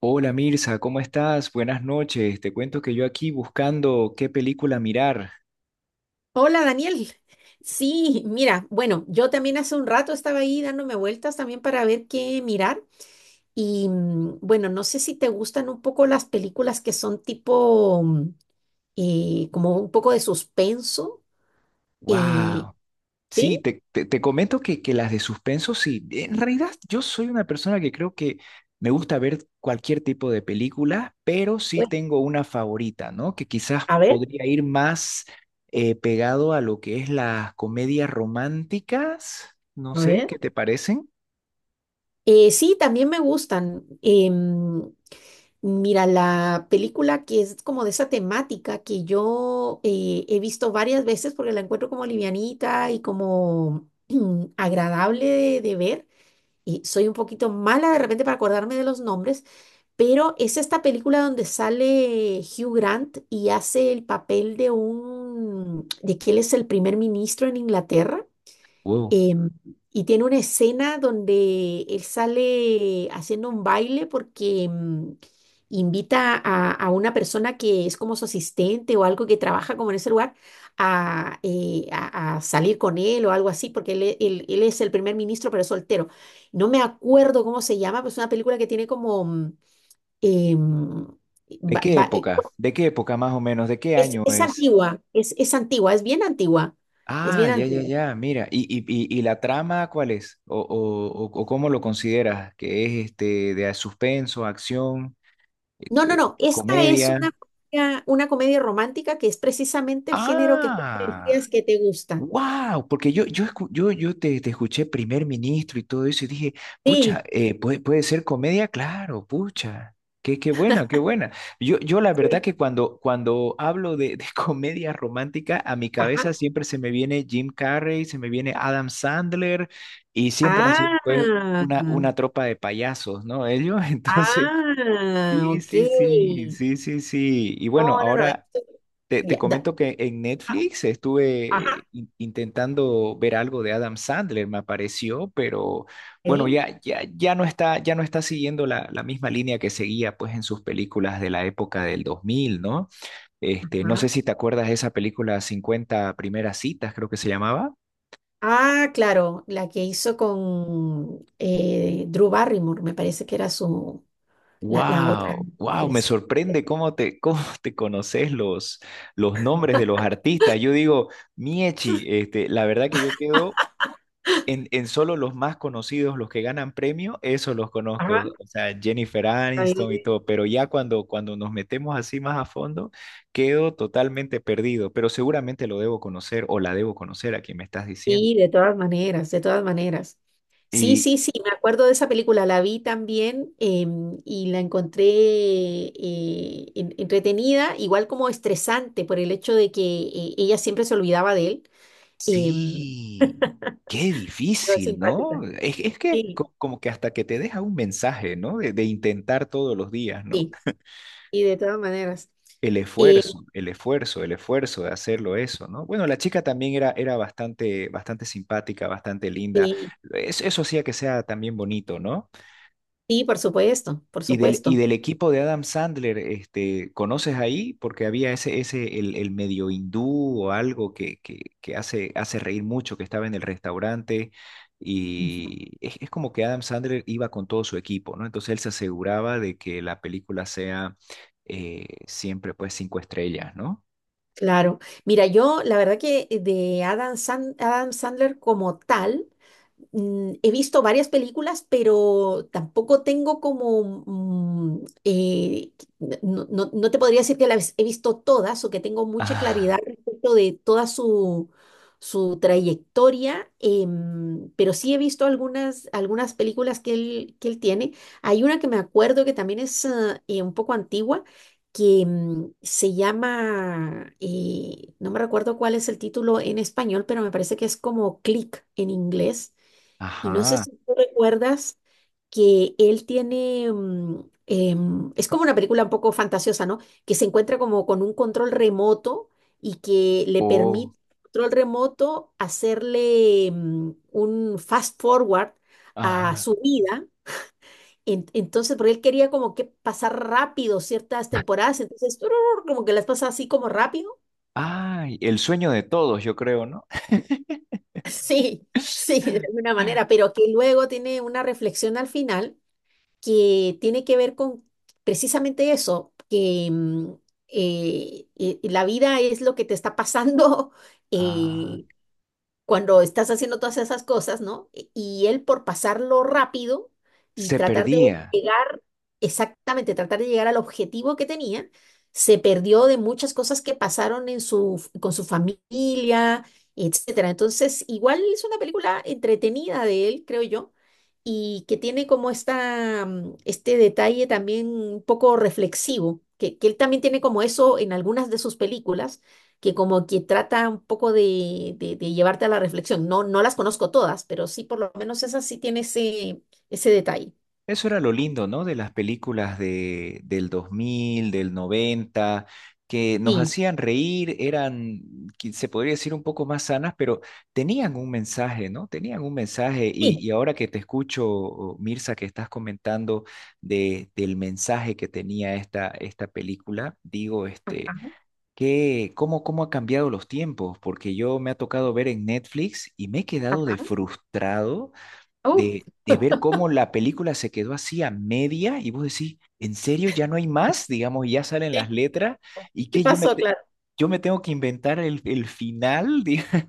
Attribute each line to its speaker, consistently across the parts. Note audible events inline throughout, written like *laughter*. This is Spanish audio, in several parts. Speaker 1: Hola Mirza, ¿cómo estás? Buenas noches. Te cuento que yo aquí buscando qué película mirar.
Speaker 2: Hola Daniel. Sí, mira, bueno, yo también hace un rato estaba ahí dándome vueltas también para ver qué mirar y bueno, no sé si te gustan un poco las películas que son tipo como un poco de suspenso. eh,
Speaker 1: ¡Wow! Sí,
Speaker 2: sí,
Speaker 1: te comento que las de suspenso, sí. En realidad, yo soy una persona que creo que me gusta ver cualquier tipo de película, pero sí
Speaker 2: bueno,
Speaker 1: tengo una favorita, ¿no? Que quizás
Speaker 2: a ver,
Speaker 1: podría ir más pegado a lo que es las comedias románticas. No
Speaker 2: a
Speaker 1: sé,
Speaker 2: ver.
Speaker 1: ¿qué te parecen?
Speaker 2: Sí, también me gustan. Mira, la película que es como de esa temática que yo he visto varias veces porque la encuentro como livianita y como *clears throat* agradable de ver. Y soy un poquito mala de repente para acordarme de los nombres, pero es esta película donde sale Hugh Grant y hace el papel de un, de que él es el primer ministro en Inglaterra.
Speaker 1: Wow.
Speaker 2: Em, y tiene una escena donde él sale haciendo un baile porque invita a una persona que es como su asistente o algo que trabaja como en ese lugar a, a salir con él o algo así, porque él, él es el primer ministro pero es soltero. No me acuerdo cómo se llama, pero es una película que tiene como... mm, em,
Speaker 1: ¿De
Speaker 2: va-
Speaker 1: qué
Speaker 2: va-
Speaker 1: época? ¿De qué época más o menos? ¿De qué
Speaker 2: es,
Speaker 1: año
Speaker 2: es
Speaker 1: es?
Speaker 2: antigua, es, es antigua, es bien antigua, es
Speaker 1: Ah,
Speaker 2: bien
Speaker 1: ya, ya,
Speaker 2: antigua.
Speaker 1: ya, mira, ¿y la trama cuál es? ¿O cómo lo consideras? ¿Que es este de suspenso, acción,
Speaker 2: No, no, no. Esta es
Speaker 1: comedia?
Speaker 2: una, una comedia romántica que es precisamente el género que tú me
Speaker 1: Ah.
Speaker 2: decías que te gusta.
Speaker 1: Wow, porque yo, escu- yo te escuché primer ministro y todo eso y dije, pucha,
Speaker 2: Sí,
Speaker 1: puede ser comedia, claro, pucha, qué buena, qué buena. Yo la verdad
Speaker 2: sí.
Speaker 1: que cuando hablo de *laughs* comedia romántica, a mi cabeza
Speaker 2: Ajá.
Speaker 1: siempre se me viene Jim Carrey, se me viene Adam Sandler y siempre han sido pues
Speaker 2: Ah,
Speaker 1: una tropa de payasos, ¿no? Ellos, *laughs* entonces,
Speaker 2: ah,
Speaker 1: sí,
Speaker 2: ok.
Speaker 1: sí, sí, sí, sí, sí. Y bueno,
Speaker 2: No, no, no.
Speaker 1: ahora... Te
Speaker 2: Ya, da-
Speaker 1: comento que en
Speaker 2: ah,
Speaker 1: Netflix estuve
Speaker 2: ajá,
Speaker 1: in- intentando ver algo de Adam Sandler, me apareció, pero bueno,
Speaker 2: ok,
Speaker 1: ya no está siguiendo la, la misma línea que seguía pues en sus películas de la época del 2000, ¿no? Este, no
Speaker 2: ajá.
Speaker 1: sé si te acuerdas de esa película 50 primeras citas, creo que se llamaba.
Speaker 2: Ah, claro, la que hizo con Drew Barrymore, me parece que era su, la otra
Speaker 1: Wow, wow, me
Speaker 2: actriz.
Speaker 1: sorprende cómo te, *laughs* cómo te conoces los nombres de los artistas. Yo digo, Miechi, este, la verdad que yo quedo. En solo los más conocidos, los que ganan premio, eso los conozco,
Speaker 2: Ajá,
Speaker 1: o sea, Jennifer
Speaker 2: está
Speaker 1: Aniston y
Speaker 2: bien.
Speaker 1: todo, pero ya cuando nos metemos así más a fondo, quedo totalmente perdido, pero seguramente lo debo conocer o la debo conocer a quien me estás diciendo.
Speaker 2: Sí, de todas maneras. Sí,
Speaker 1: Y
Speaker 2: sí, sí, me acuerdo de esa película, la vi también y la encontré entretenida, igual como estresante por el hecho de que ella siempre se olvidaba de él, em,
Speaker 1: sí, qué
Speaker 2: pero es
Speaker 1: difícil, ¿no?
Speaker 2: simpática.
Speaker 1: Es que
Speaker 2: Sí,
Speaker 1: co- como que hasta que te deja un mensaje, ¿no? De intentar todos los días, ¿no?
Speaker 2: sí, y de todas maneras.
Speaker 1: El esfuerzo, el esfuerzo, el esfuerzo de hacerlo eso, ¿no? Bueno, la chica también era, era bastante, bastante simpática, bastante linda.
Speaker 2: Sí,
Speaker 1: Es- eso hacía que sea también bonito, ¿no?
Speaker 2: sí, por supuesto, por
Speaker 1: Y
Speaker 2: supuesto.
Speaker 1: del equipo de Adam Sandler, este, ¿conoces ahí? Porque había ese, el medio hindú o algo que hace, hace reír mucho, que estaba en el restaurante.
Speaker 2: Ujú.
Speaker 1: Y es como que Adam Sandler iba con todo su equipo, ¿no? Entonces él se aseguraba de que la película sea siempre pues 5 estrellas, ¿no?
Speaker 2: Claro. Mira, yo la verdad que Adam Sandler como tal, he visto varias películas, pero tampoco tengo como, no te podría decir que las he visto todas o que tengo mucha claridad
Speaker 1: Ah,
Speaker 2: respecto de toda su, su trayectoria. Pero sí he visto algunas, algunas películas que él tiene. Hay una que me acuerdo que también es un poco antigua, que se llama, no me recuerdo cuál es el título en español, pero me parece que es como Click en inglés. Y no sé
Speaker 1: ajá.
Speaker 2: si tú recuerdas que él tiene, es como una película un poco fantasiosa, ¿no? Que se encuentra como con un control remoto y que le
Speaker 1: Oh,
Speaker 2: permite al control remoto hacerle un fast forward a
Speaker 1: ajá.
Speaker 2: su vida. Entonces, porque él quería como que pasar rápido ciertas temporadas, entonces tururur, como que las pasa así como rápido.
Speaker 1: Ay, el sueño de todos, yo creo, ¿no? *gasps*
Speaker 2: *laughs* Sí,
Speaker 1: *laughs*
Speaker 2: sí, de alguna manera, pero que luego tiene una reflexión al final que tiene que ver con precisamente eso, que la vida es lo que te está pasando *laughs*
Speaker 1: Ah,
Speaker 2: eh, cuando estás haciendo todas esas cosas, ¿no? Y él por pasarlo rápido y
Speaker 1: se perdía.
Speaker 2: llegar tratar de llegar al objetivo que tenía, se perdió de muchas cosas que pasaron en su, con su familia, etcétera. Entonces, igual es una película entretenida de él, creo yo, y que tiene como esta, este detalle también un poco reflexivo, que él también tiene como eso en algunas de sus películas, que como que trata un poco de llevarte a la reflexión. No, no las conozco todas, pero sí por lo menos esa sí tiene ese, ese detalle.
Speaker 1: Eso era lo lindo, ¿no? De las películas de, del 2000, del 90, que nos
Speaker 2: Sí,
Speaker 1: hacían reír, eran, qui- se podría decir, un poco más sanas, pero tenían un mensaje, ¿no? Tenían un mensaje.
Speaker 2: sí.
Speaker 1: Y ahora que te escucho, Mirza, que estás comentando de, del mensaje que tenía esta, esta película, digo, este...
Speaker 2: Ajá.
Speaker 1: ¿Qué, cómo, cómo ha cambiado los tiempos? Porque yo me ha tocado ver en Netflix y me he quedado de
Speaker 2: Ajá.
Speaker 1: frustrado
Speaker 2: Uf,
Speaker 1: de ver cómo la película se quedó así a media y vos decís, ¿en serio ya no hay más? Digamos, ya salen
Speaker 2: ¿qué,
Speaker 1: las letras y
Speaker 2: qué
Speaker 1: que yo me,
Speaker 2: pasó,
Speaker 1: te-
Speaker 2: claro?
Speaker 1: yo me tengo que inventar el final. *laughs*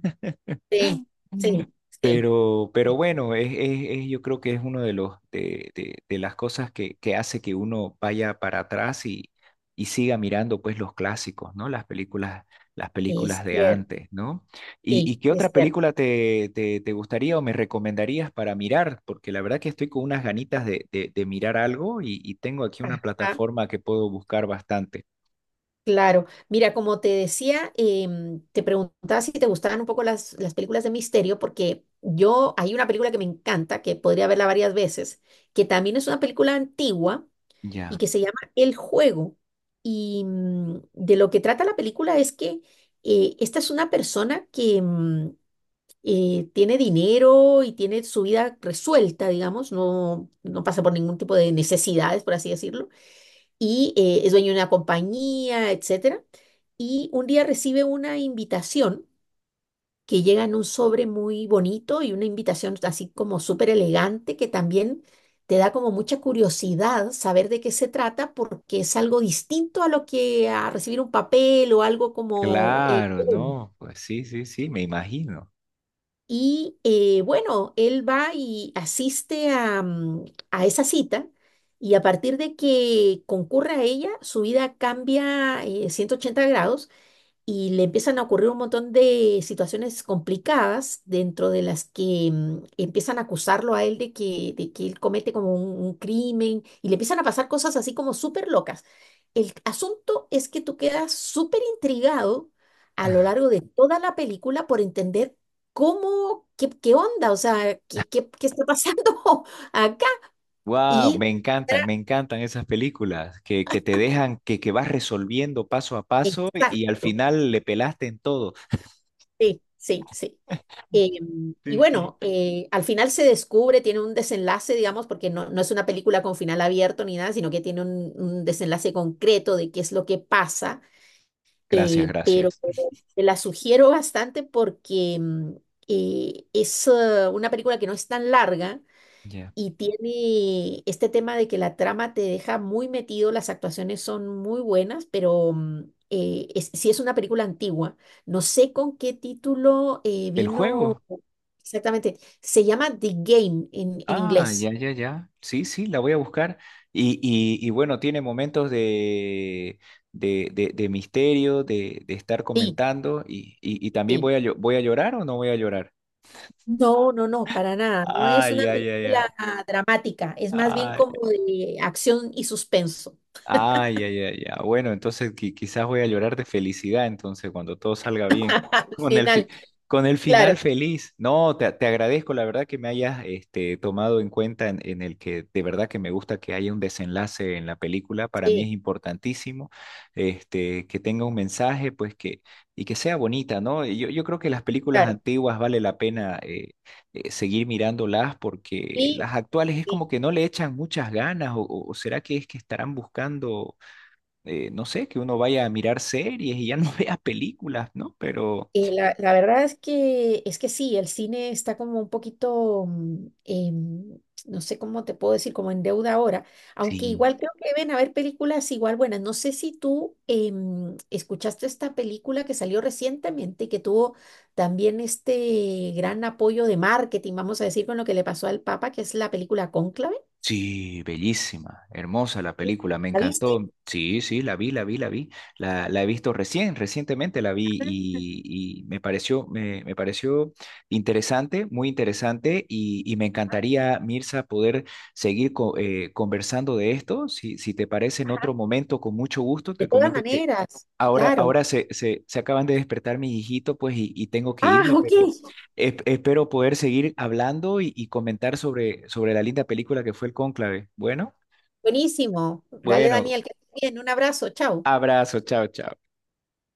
Speaker 2: Sí, sí, sí,
Speaker 1: Pero bueno, es- yo creo que es uno de los de las cosas que hace que uno vaya para atrás y siga mirando pues los clásicos, ¿no? Las
Speaker 2: sí,
Speaker 1: películas
Speaker 2: es
Speaker 1: de
Speaker 2: cierto,
Speaker 1: antes, ¿no? Y
Speaker 2: sí,
Speaker 1: qué otra
Speaker 2: es cierto.
Speaker 1: película te gustaría o me recomendarías para mirar? Porque la verdad que estoy con unas ganitas de mirar algo y tengo aquí una
Speaker 2: Ajá,
Speaker 1: plataforma que puedo buscar bastante.
Speaker 2: claro. Mira, como te decía, te preguntaba si te gustaban un poco las películas de misterio, porque yo, hay una película que me encanta, que podría verla varias veces, que también es una película antigua y
Speaker 1: Ya,
Speaker 2: que se llama El Juego. Y de lo que trata la película es que esta es una persona que... mm, tiene dinero y tiene su vida resuelta, digamos, no, no pasa por ningún tipo de necesidades, por así decirlo, y es dueño de una compañía, etcétera. Y un día recibe una invitación que llega en un sobre muy bonito y una invitación así como súper elegante que también te da como mucha curiosidad saber de qué se trata porque es algo distinto a lo que a recibir un papel o algo como...
Speaker 1: claro, no, pues sí, sí, sí, me imagino.
Speaker 2: Y bueno, él va y asiste a, a esa cita y a partir de que concurre a ella, su vida cambia 180 grados y le empiezan a ocurrir un montón de situaciones complicadas dentro de las que empiezan a acusarlo a él de que él comete como un crimen y le empiezan a pasar cosas así como súper locas. El asunto es que tú quedas súper intrigado a lo largo de toda la película por entender cómo, qué, qué onda, o sea, qué, qué, qué está pasando *laughs* acá.
Speaker 1: Wow,
Speaker 2: Y era-
Speaker 1: me encantan esas películas que te dejan, que vas resolviendo paso a paso y, al
Speaker 2: exacto,
Speaker 1: final le pelaste en todo.
Speaker 2: sí, sí, sí. Eh, y
Speaker 1: Sí, y-
Speaker 2: bueno, al final se descubre, tiene un desenlace, digamos, porque no, no es una película con final abierto ni nada, sino que tiene un desenlace concreto de qué es lo que pasa,
Speaker 1: gracias,
Speaker 2: pero
Speaker 1: gracias.
Speaker 2: te la sugiero bastante porque es una película que no es tan larga
Speaker 1: Ya.
Speaker 2: y tiene este tema de que la trama te deja muy metido, las actuaciones son muy buenas, pero es, sí es una película antigua. No sé con qué título
Speaker 1: ¿El
Speaker 2: vino
Speaker 1: juego?
Speaker 2: exactamente. Se llama The Game en
Speaker 1: Ah,
Speaker 2: inglés.
Speaker 1: ya, ya, ya. Sí, sí, la voy a buscar. Y bueno, tiene momentos de, de misterio, de estar
Speaker 2: Sí,
Speaker 1: comentando. Y también
Speaker 2: sí.
Speaker 1: voy a, llo- voy a llorar o no voy a llorar.
Speaker 2: No, no, no, para nada. No es
Speaker 1: Ay,
Speaker 2: una
Speaker 1: ay, ay, ay.
Speaker 2: película dramática, es más bien
Speaker 1: Ay.
Speaker 2: como de acción y suspenso.
Speaker 1: Ay, ay, ay, ya. Bueno, entonces qui- quizás voy a llorar de felicidad, entonces, cuando todo salga bien.
Speaker 2: *laughs* Al
Speaker 1: Con el fi-
Speaker 2: final,
Speaker 1: con el
Speaker 2: claro,
Speaker 1: final feliz. No, te agradezco, la verdad, que me hayas este, tomado en cuenta en el que de verdad que me gusta que haya un desenlace en la película. Para mí es
Speaker 2: sí,
Speaker 1: importantísimo este, que tenga un mensaje, pues que, y que sea bonita, ¿no? Y yo creo que las películas
Speaker 2: claro.
Speaker 1: antiguas vale la pena seguir mirándolas porque
Speaker 2: Sí,
Speaker 1: las actuales es como
Speaker 2: sí.
Speaker 1: que no le echan muchas ganas o será que es que estarán buscando, no sé, que uno vaya a mirar series y ya no *laughs* vea películas, ¿no? Pero
Speaker 2: Y la verdad es que sí, el cine está como un poquito, no sé cómo te puedo decir, como en deuda ahora, aunque
Speaker 1: sí.
Speaker 2: igual creo que deben haber películas igual buenas. No sé si tú escuchaste esta película que salió recientemente y que tuvo también este gran apoyo de marketing, vamos a decir, con lo que le pasó al Papa, que es la película Cónclave.
Speaker 1: Sí, bellísima, hermosa la película, me
Speaker 2: ¿La viste?
Speaker 1: encantó. Sí, sí, la vi, la vi, la vi. La he visto recién, recientemente la vi
Speaker 2: Ah.
Speaker 1: y me pareció, me pareció interesante, muy interesante y me encantaría, Mirza, poder seguir co- conversando de esto. Si, si te parece en
Speaker 2: Ajá.
Speaker 1: otro momento, con mucho gusto,
Speaker 2: De
Speaker 1: te
Speaker 2: todas
Speaker 1: comento que.
Speaker 2: maneras,
Speaker 1: Ahora,
Speaker 2: claro.
Speaker 1: ahora se, se acaban de despertar mis hijitos, pues, y tengo que
Speaker 2: Ah,
Speaker 1: irme,
Speaker 2: ok.
Speaker 1: pero es- espero poder seguir hablando y comentar sobre, sobre la linda película que fue El Cónclave. Bueno,
Speaker 2: Buenísimo. Dale,
Speaker 1: bueno,
Speaker 2: Daniel, que estés bien. Un abrazo. Chao.
Speaker 1: abrazo, chao, chao.